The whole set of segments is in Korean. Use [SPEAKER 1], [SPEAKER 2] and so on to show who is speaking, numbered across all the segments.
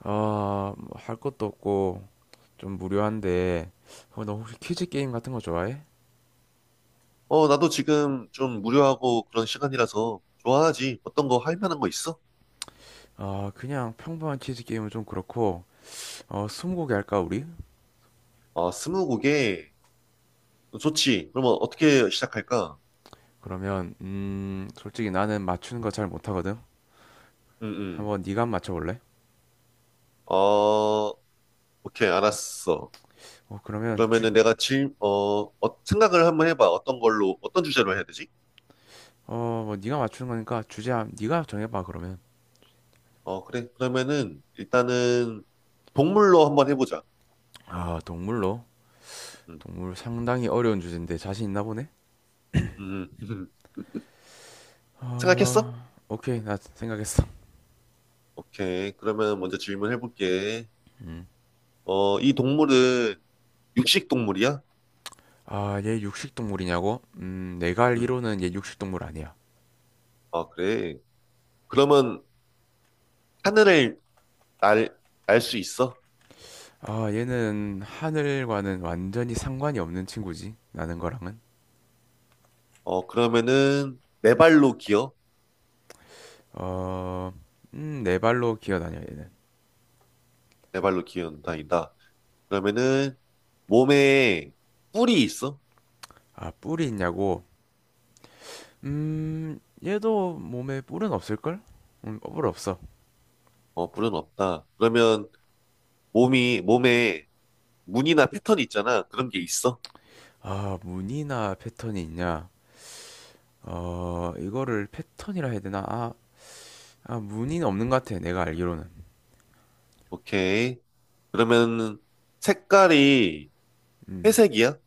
[SPEAKER 1] 아, 뭐할 것도 없고 좀 무료한데 너 혹시 퀴즈 게임 같은 거 좋아해?
[SPEAKER 2] 나도 지금 좀 무료하고 그런 시간이라서 좋아하지. 어떤 거 할 만한 거 있어?
[SPEAKER 1] 아, 그냥 평범한 퀴즈 게임은 좀 그렇고 스무고개 할까 우리?
[SPEAKER 2] 스무고개. 좋지. 그러면 어떻게 시작할까?
[SPEAKER 1] 그러면 솔직히 나는 맞추는 거 잘 못하거든.
[SPEAKER 2] 응.
[SPEAKER 1] 한번 네가 한번 맞춰볼래?
[SPEAKER 2] 어, 오케이, 알았어.
[SPEAKER 1] 어, 그러면 주,
[SPEAKER 2] 그러면은 내가 질, 어, 어, 생각을 한번 해봐. 어떤 걸로, 어떤 주제로 해야 되지?
[SPEAKER 1] 어, 뭐 네가 맞추는 거니까 네가 정해봐 그러면.
[SPEAKER 2] 그래. 그러면은 일단은 동물로 한번 해보자.
[SPEAKER 1] 아, 동물로?
[SPEAKER 2] 응,
[SPEAKER 1] 동물 상당히 어려운 주제인데 자신 있나 보네?
[SPEAKER 2] 응. 응. 생각했어?
[SPEAKER 1] 아, 오케이 나 생각했어.
[SPEAKER 2] 오케이. 그러면 먼저 질문해볼게. 이 동물은 육식 동물이야?
[SPEAKER 1] 아, 얘 육식동물이냐고? 내가
[SPEAKER 2] 응.
[SPEAKER 1] 알기로는 얘 육식동물 아니야.
[SPEAKER 2] 아, 그래. 그러면 하늘을 날, 날 수 있어?
[SPEAKER 1] 아, 얘는 하늘과는 완전히 상관이 없는 친구지. 나는 거랑은.
[SPEAKER 2] 그러면은 네 발로 기어?
[SPEAKER 1] 어, 네 발로 기어다녀, 얘는.
[SPEAKER 2] 네 발로 기어 다닌다. 그러면은 몸에. 뿔이 있어?
[SPEAKER 1] 아, 뿔이 있냐고? 음, 얘도 몸에 뿔은 없을걸? 뿔 없어.
[SPEAKER 2] 뿔은 없다. 그러면 몸에 무늬나 패턴이 있잖아. 그런 게 있어?
[SPEAKER 1] 아, 무늬나 패턴이 있냐? 어, 이거를 패턴이라 해야 되나? 아, 무늬는 없는 것 같아, 내가 알기로는.
[SPEAKER 2] 오케이. 그러면 색깔이
[SPEAKER 1] 음,
[SPEAKER 2] 회색이야?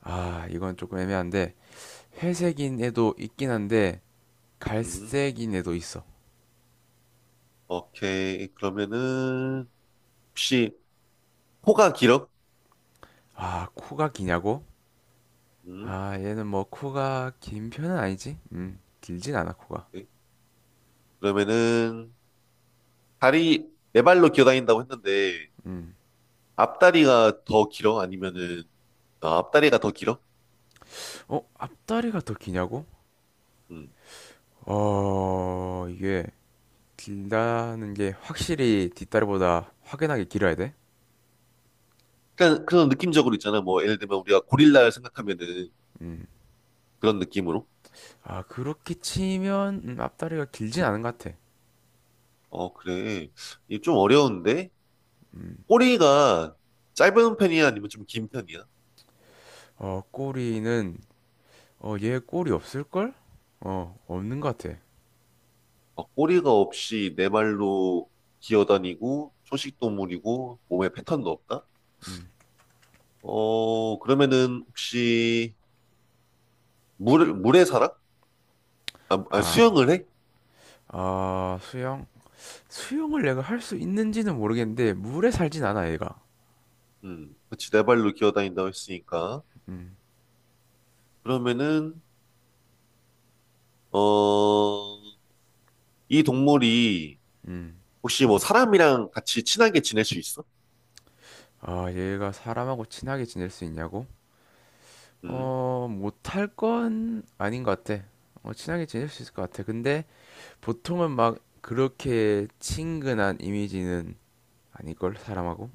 [SPEAKER 1] 아, 이건 조금 애매한데, 회색인 애도 있긴 한데,
[SPEAKER 2] 음,
[SPEAKER 1] 갈색인 애도 있어.
[SPEAKER 2] 오케이. 그러면은 혹시 코가 길어?
[SPEAKER 1] 아, 코가 기냐고?
[SPEAKER 2] 음,
[SPEAKER 1] 아, 얘는 뭐 코가 긴 편은 아니지? 길진 않아, 코가.
[SPEAKER 2] 오케이. 그러면은 다리, 네 발로 기어 다닌다고 했는데
[SPEAKER 1] 음.
[SPEAKER 2] 앞다리가 더 길어? 앞다리가 더 길어?
[SPEAKER 1] 어, 앞다리가 더 기냐고?
[SPEAKER 2] 음.
[SPEAKER 1] 어, 이게 길다는 게 확실히 뒷다리보다 확연하게 길어야 돼?
[SPEAKER 2] 그러니까 그런 느낌적으로 있잖아. 뭐 예를 들면 우리가 고릴라를 생각하면은
[SPEAKER 1] 음.
[SPEAKER 2] 그런 느낌으로.
[SPEAKER 1] 아, 그렇게 치면 앞다리가 길진 않은 것 같아.
[SPEAKER 2] 그래. 이게 좀 어려운데?
[SPEAKER 1] 음.
[SPEAKER 2] 꼬리가 짧은 편이야? 아니면 좀 긴 편이야?
[SPEAKER 1] 꼬리는 얘 꼬리 없을걸? 어, 없는 것 같아.
[SPEAKER 2] 꼬리가 없이 네 발로 기어다니고 초식 동물이고 몸에 패턴도 없다? 그러면은 혹시 물에 살아?
[SPEAKER 1] 아,
[SPEAKER 2] 수영을 해?
[SPEAKER 1] 아, 수영? 수영을 내가 할 수 있는지는 모르겠는데 물에 살진 않아 얘가.
[SPEAKER 2] 그치. 네 발로 기어다닌다고 했으니까.
[SPEAKER 1] 음,
[SPEAKER 2] 그러면은 어, 이 동물이
[SPEAKER 1] 음.
[SPEAKER 2] 혹시 뭐 사람이랑 같이 친하게 지낼 수 있어?
[SPEAKER 1] 아 얘가 사람하고 친하게 지낼 수 있냐고?
[SPEAKER 2] 음,
[SPEAKER 1] 어 못할 건 아닌 것 같아. 어, 친하게 지낼 수 있을 것 같아. 근데 보통은 막 그렇게 친근한 이미지는 아닐걸 사람하고.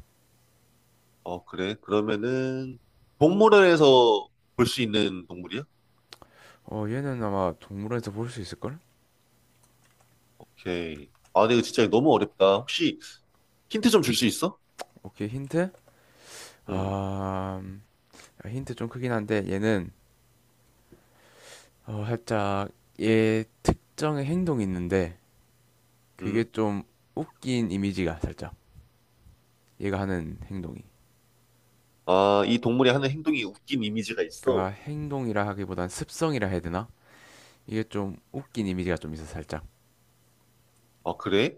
[SPEAKER 2] 그래. 그러면은 동물원에서 볼 수 있는 동물이야?
[SPEAKER 1] 어 얘는 아마 동물원에서 볼 수 있을걸?
[SPEAKER 2] 오케이. 아, 근데 이거 진짜 너무 어렵다. 혹시 힌트 좀 줄 수 있어?
[SPEAKER 1] 오케이 힌트?
[SPEAKER 2] 음,
[SPEAKER 1] 아 음, 힌트 좀 크긴 한데 얘는 어 살짝 얘 특정의 행동이 있는데 그게
[SPEAKER 2] 음.
[SPEAKER 1] 좀 웃긴 이미지가 살짝 얘가 하는 행동이
[SPEAKER 2] 아, 이 동물이 하는 행동이 웃긴 이미지가
[SPEAKER 1] 그러니까
[SPEAKER 2] 있어.
[SPEAKER 1] 행동이라 하기보단 습성이라 해야 되나 이게 좀 웃긴 이미지가 좀 있어 살짝.
[SPEAKER 2] 아, 그래?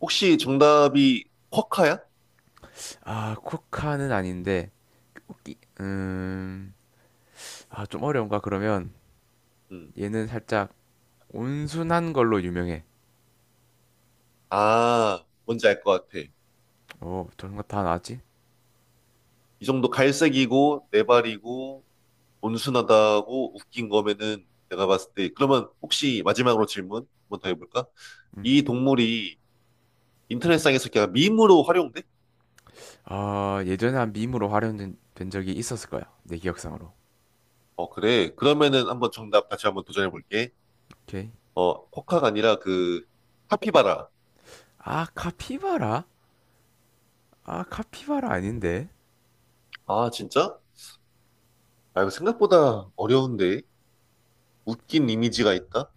[SPEAKER 2] 혹시 정답이 쿼카야?
[SPEAKER 1] 아 코카는 아닌데 웃기 음아 좀 어려운가 그러면.
[SPEAKER 2] 음.
[SPEAKER 1] 얘는 살짝 온순한 걸로 유명해.
[SPEAKER 2] 아, 뭔지 알 것 같아.
[SPEAKER 1] 어 저런 거 다 나왔지.
[SPEAKER 2] 이 정도 갈색이고, 네 발이고, 온순하다고 웃긴 거면은 내가 봤을 때 그러면 혹시 마지막으로 질문 한번 더 해볼까? 이 동물이 인터넷상에서 그냥 밈으로 활용돼?
[SPEAKER 1] 음아 예전에 한 밈으로 활용된 된 적이 있었을 거야 내 기억상으로.
[SPEAKER 2] 어 그래 그러면은 한번 정답 다시 한번 도전해볼게.
[SPEAKER 1] 오케이.
[SPEAKER 2] 어 코카가 아니라 그 카피바라.
[SPEAKER 1] 아 카피바라. 아 카피바라 아닌데.
[SPEAKER 2] 아 진짜? 아 이거 생각보다 어려운데 웃긴 이미지가 있다?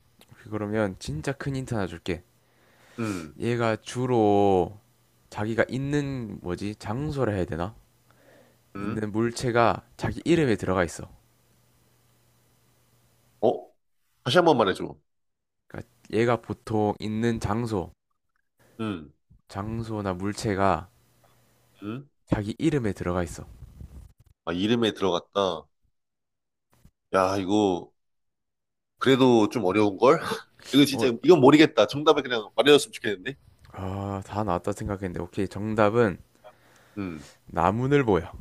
[SPEAKER 1] 그러면 진짜 큰 힌트 하나 줄게.
[SPEAKER 2] 음,
[SPEAKER 1] 얘가 주로 자기가 있는 뭐지? 장소라 해야 되나?
[SPEAKER 2] 음,
[SPEAKER 1] 있는 물체가 자기 이름에 들어가 있어.
[SPEAKER 2] 어? 다시 한번 말해줘.
[SPEAKER 1] 그러니까 얘가 보통 있는 장소,
[SPEAKER 2] 음,
[SPEAKER 1] 장소나 물체가
[SPEAKER 2] 음.
[SPEAKER 1] 자기 이름에 들어가 있어.
[SPEAKER 2] 아 이름에 들어갔다. 야 이거 그래도 좀 어려운 걸? 이거 진짜
[SPEAKER 1] 어,
[SPEAKER 2] 이건 모르겠다. 정답을 그냥 말해줬으면 좋겠는데.
[SPEAKER 1] 아, 다 나왔다 생각했는데 오케이. 정답은
[SPEAKER 2] 음.
[SPEAKER 1] 나무늘보야.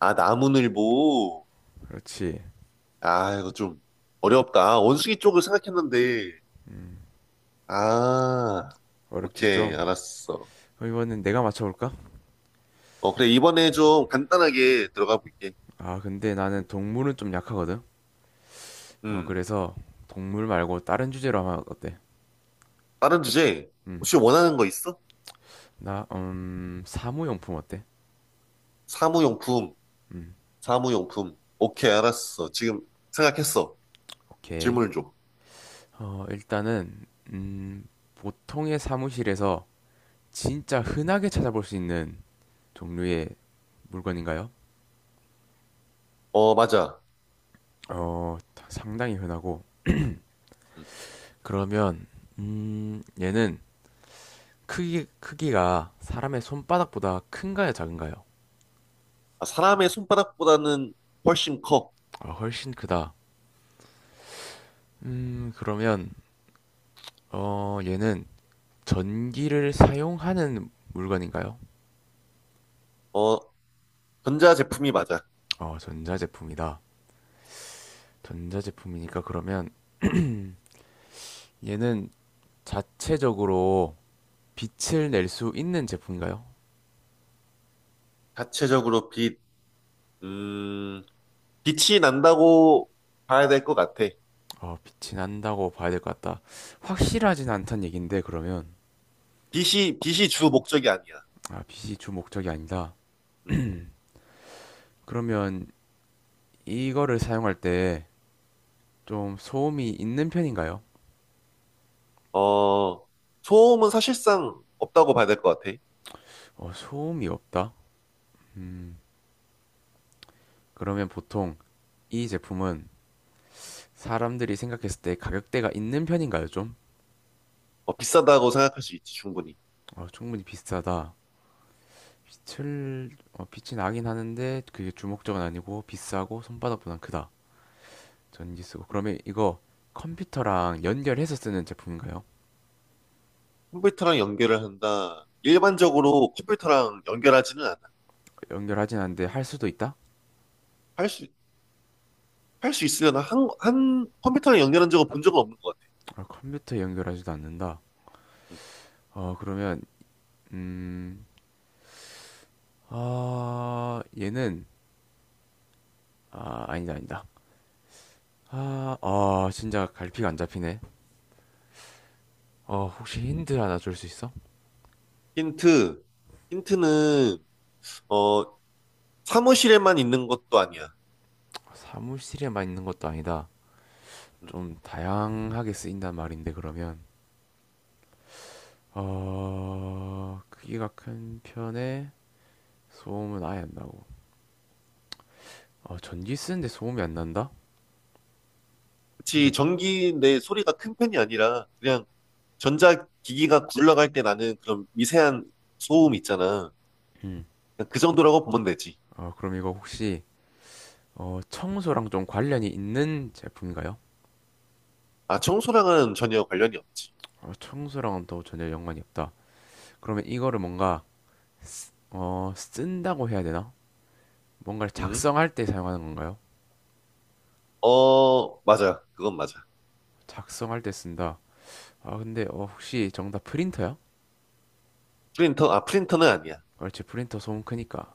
[SPEAKER 2] 아, 나무늘보.
[SPEAKER 1] 그렇지.
[SPEAKER 2] 아, 이거 좀 어렵다. 원숭이 쪽을 생각했는데. 아,
[SPEAKER 1] 어렵지
[SPEAKER 2] 오케이.
[SPEAKER 1] 좀.
[SPEAKER 2] 알았어.
[SPEAKER 1] 그럼 이번엔 내가 맞춰볼까?
[SPEAKER 2] 그래. 이번에 좀 간단하게 들어가 볼게.
[SPEAKER 1] 아, 근데 나는
[SPEAKER 2] 음.
[SPEAKER 1] 동물은 좀 약하거든.
[SPEAKER 2] 음.
[SPEAKER 1] 그래서 동물 말고 다른 주제로 하면 어때?
[SPEAKER 2] 다른 주제.
[SPEAKER 1] 음,
[SPEAKER 2] 혹시 원하는 거 있어?
[SPEAKER 1] 나, 사무용품 어때?
[SPEAKER 2] 사무용품.
[SPEAKER 1] 음,
[SPEAKER 2] 사무용품. 오케이. 알았어. 지금 생각했어.
[SPEAKER 1] 오케이.
[SPEAKER 2] 질문을 줘.
[SPEAKER 1] 일단은 음, 보통의 사무실에서 진짜 흔하게 찾아볼 수 있는 종류의 물건인가요?
[SPEAKER 2] 맞아.
[SPEAKER 1] 어, 상당히 흔하고
[SPEAKER 2] 음.
[SPEAKER 1] 그러면 얘는 크기가 사람의 손바닥보다 큰가요, 작은가요?
[SPEAKER 2] 아, 사람의 손바닥보다는 훨씬 커.
[SPEAKER 1] 아, 훨씬 크다. 그러면 얘는 전기를 사용하는 물건인가요?
[SPEAKER 2] 어, 전자 제품이 맞아.
[SPEAKER 1] 어, 전자제품이다. 전자제품이니까 그러면 얘는 자체적으로 빛을 낼 수 있는 제품인가요?
[SPEAKER 2] 자체적으로 음, 빛이 난다고 봐야 될 것 같아.
[SPEAKER 1] 어, 빛이 난다고 봐야 될 것 같다. 확실하진 않단 얘긴데, 그러면.
[SPEAKER 2] 빛이 주 목적이 아니야.
[SPEAKER 1] 아, 빛이 주 목적이 아니다.
[SPEAKER 2] 음.
[SPEAKER 1] 그러면 이거를 사용할 때 좀 소음이 있는 편인가요?
[SPEAKER 2] 어, 소음은 사실상 없다고 봐야 될 것 같아.
[SPEAKER 1] 어, 소음이 없다? 음, 그러면 보통 이 제품은 사람들이 생각했을 때 가격대가 있는 편인가요, 좀?
[SPEAKER 2] 비싸다고 생각할 수 있지, 충분히.
[SPEAKER 1] 어, 충분히 비싸다. 빛이 나긴 하는데 그게 주 목적은 아니고 비싸고 손바닥보단 크다. 전기 쓰고 그러면 이거 컴퓨터랑 연결해서 쓰는 제품인가요?
[SPEAKER 2] 컴퓨터랑 연결을 한다. 일반적으로 컴퓨터랑 연결하지는 않아.
[SPEAKER 1] 연결하진 않는데 할 수도 있다?
[SPEAKER 2] 할 수, 할 수 있으려나? 컴퓨터랑 연결한 적은 본 적은 없는 것 같아.
[SPEAKER 1] 아, 컴퓨터에 연결하지도 않는다.
[SPEAKER 2] 음.
[SPEAKER 1] 어 그러면 음, 아 얘는 아니다. 아, 아 진짜 갈피가 안 잡히네. 어 혹시 힌트 하나 줄 수 있어?
[SPEAKER 2] 힌트, 힌트는, 어, 사무실에만 있는 것도 아니야.
[SPEAKER 1] 사무실에만 있는 것도 아니다.
[SPEAKER 2] 음.
[SPEAKER 1] 좀 다양하게 쓰인단 말인데 그러면 어 크기가 큰 편에 소음은 아예 안 나고. 어 전기 쓰는데 소음이 안 난다?
[SPEAKER 2] 그치,
[SPEAKER 1] 근데
[SPEAKER 2] 전기 내 소리가 큰 편이 아니라 그냥 전자기기가 굴러갈 때 나는 그런 미세한 소음 있잖아.
[SPEAKER 1] 음.
[SPEAKER 2] 그냥 그 정도라고 보면 되지.
[SPEAKER 1] 어, 그럼 이거 혹시 청소랑 좀 관련이 있는 제품인가요?
[SPEAKER 2] 아, 청소랑은 전혀 관련이 없지.
[SPEAKER 1] 어, 청소랑은 또 전혀 연관이 없다. 그러면 이거를 뭔가 쓴다고 해야 되나? 뭔가를
[SPEAKER 2] 응?
[SPEAKER 1] 작성할 때 사용하는 건가요?
[SPEAKER 2] 맞아. 그건 맞아.
[SPEAKER 1] 작성할 때 쓴다. 아, 근데 어, 혹시 정답 프린터야?
[SPEAKER 2] 프린터는 아니야.
[SPEAKER 1] 그렇지, 프린터 소음 크니까.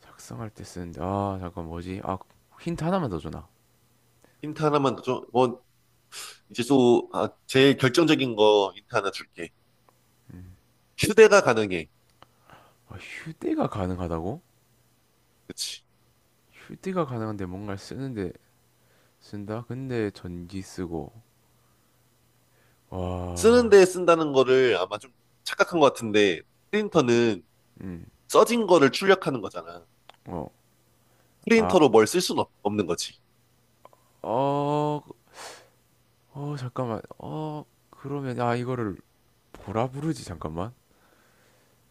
[SPEAKER 1] 작성할 때 쓰는데, 아, 잠깐 뭐지? 아, 힌트 하나만 더 주나?
[SPEAKER 2] 힌트 하나만 더 줘. 제일 결정적인 거 힌트 하나 줄게. 휴대가 가능해.
[SPEAKER 1] 아, 휴대가 가능하다고?
[SPEAKER 2] 그치.
[SPEAKER 1] 휴대가 가능한데 뭔가를 쓰는데 쓴다? 근데 전기 쓰고. 와,
[SPEAKER 2] 쓰는데 쓴다는 거를 아마 좀 착각한 것 같은데, 프린터는
[SPEAKER 1] 음,
[SPEAKER 2] 써진 거를 출력하는 거잖아.
[SPEAKER 1] 어. 아,
[SPEAKER 2] 프린터로 뭘 쓸 수는 없는 거지.
[SPEAKER 1] 어, 잠깐만. 그러면, 아, 이거를 뭐라 부르지? 잠깐만.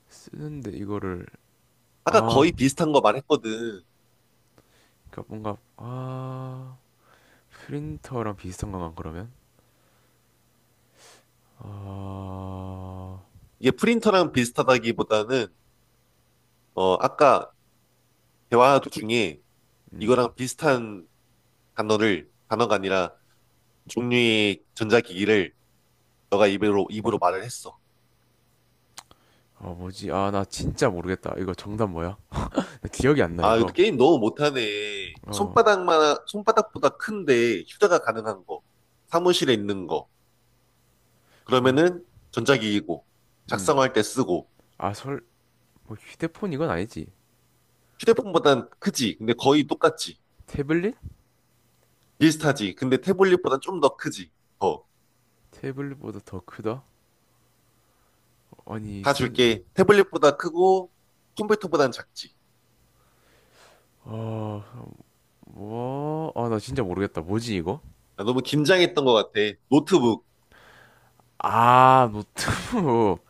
[SPEAKER 1] 쓰는데 이거를,
[SPEAKER 2] 아까
[SPEAKER 1] 아,
[SPEAKER 2] 거의 비슷한 거 말했거든.
[SPEAKER 1] 그러니까 뭔가, 아, 프린터랑 비슷한 건가, 그러면? 아,
[SPEAKER 2] 이게 프린터랑 비슷하다기보다는, 아까 대화 중에
[SPEAKER 1] 음,
[SPEAKER 2] 이거랑 비슷한 단어가 아니라 종류의 전자기기를 너가 입으로 말을 했어.
[SPEAKER 1] 아, 뭐지? 아, 나 진짜 모르겠다. 이거 정답 뭐야? 나 기억이 안 나,
[SPEAKER 2] 아, 이것도
[SPEAKER 1] 이거.
[SPEAKER 2] 게임 너무 못하네.
[SPEAKER 1] 어,
[SPEAKER 2] 손바닥보다 큰데 휴대가 가능한 거. 사무실에 있는 거.
[SPEAKER 1] 어,
[SPEAKER 2] 그러면은 전자기기고,
[SPEAKER 1] 음.
[SPEAKER 2] 작성할 때 쓰고,
[SPEAKER 1] 아, 설, 뭐, 휴대폰 이건 아니지.
[SPEAKER 2] 휴대폰보단 크지. 근데 거의 똑같지.
[SPEAKER 1] 태블릿?
[SPEAKER 2] 비슷하지. 근데 태블릿보단 좀 더 크지. 더.
[SPEAKER 1] 태블릿보다 더 크다? 아니,
[SPEAKER 2] 다
[SPEAKER 1] 쓴,
[SPEAKER 2] 줄게. 태블릿보다 크고 컴퓨터보단 작지.
[SPEAKER 1] 어, 뭐, 아, 나 진짜 모르겠다. 뭐지, 이거?
[SPEAKER 2] 아, 너무 긴장했던 것 같아. 노트북.
[SPEAKER 1] 아, 노트북.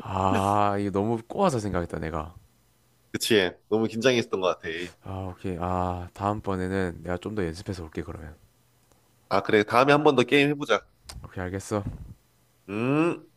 [SPEAKER 1] 아, 이거 너무 꼬아서 생각했다, 내가.
[SPEAKER 2] 그치? 너무 긴장했던 것 같아.
[SPEAKER 1] 아, 오케이. 아, 다음번에는 내가 좀 더 연습해서 올게, 그러면.
[SPEAKER 2] 아, 그래. 다음에 한 번 더 게임 해보자.
[SPEAKER 1] 오케이, 알겠어.
[SPEAKER 2] 음.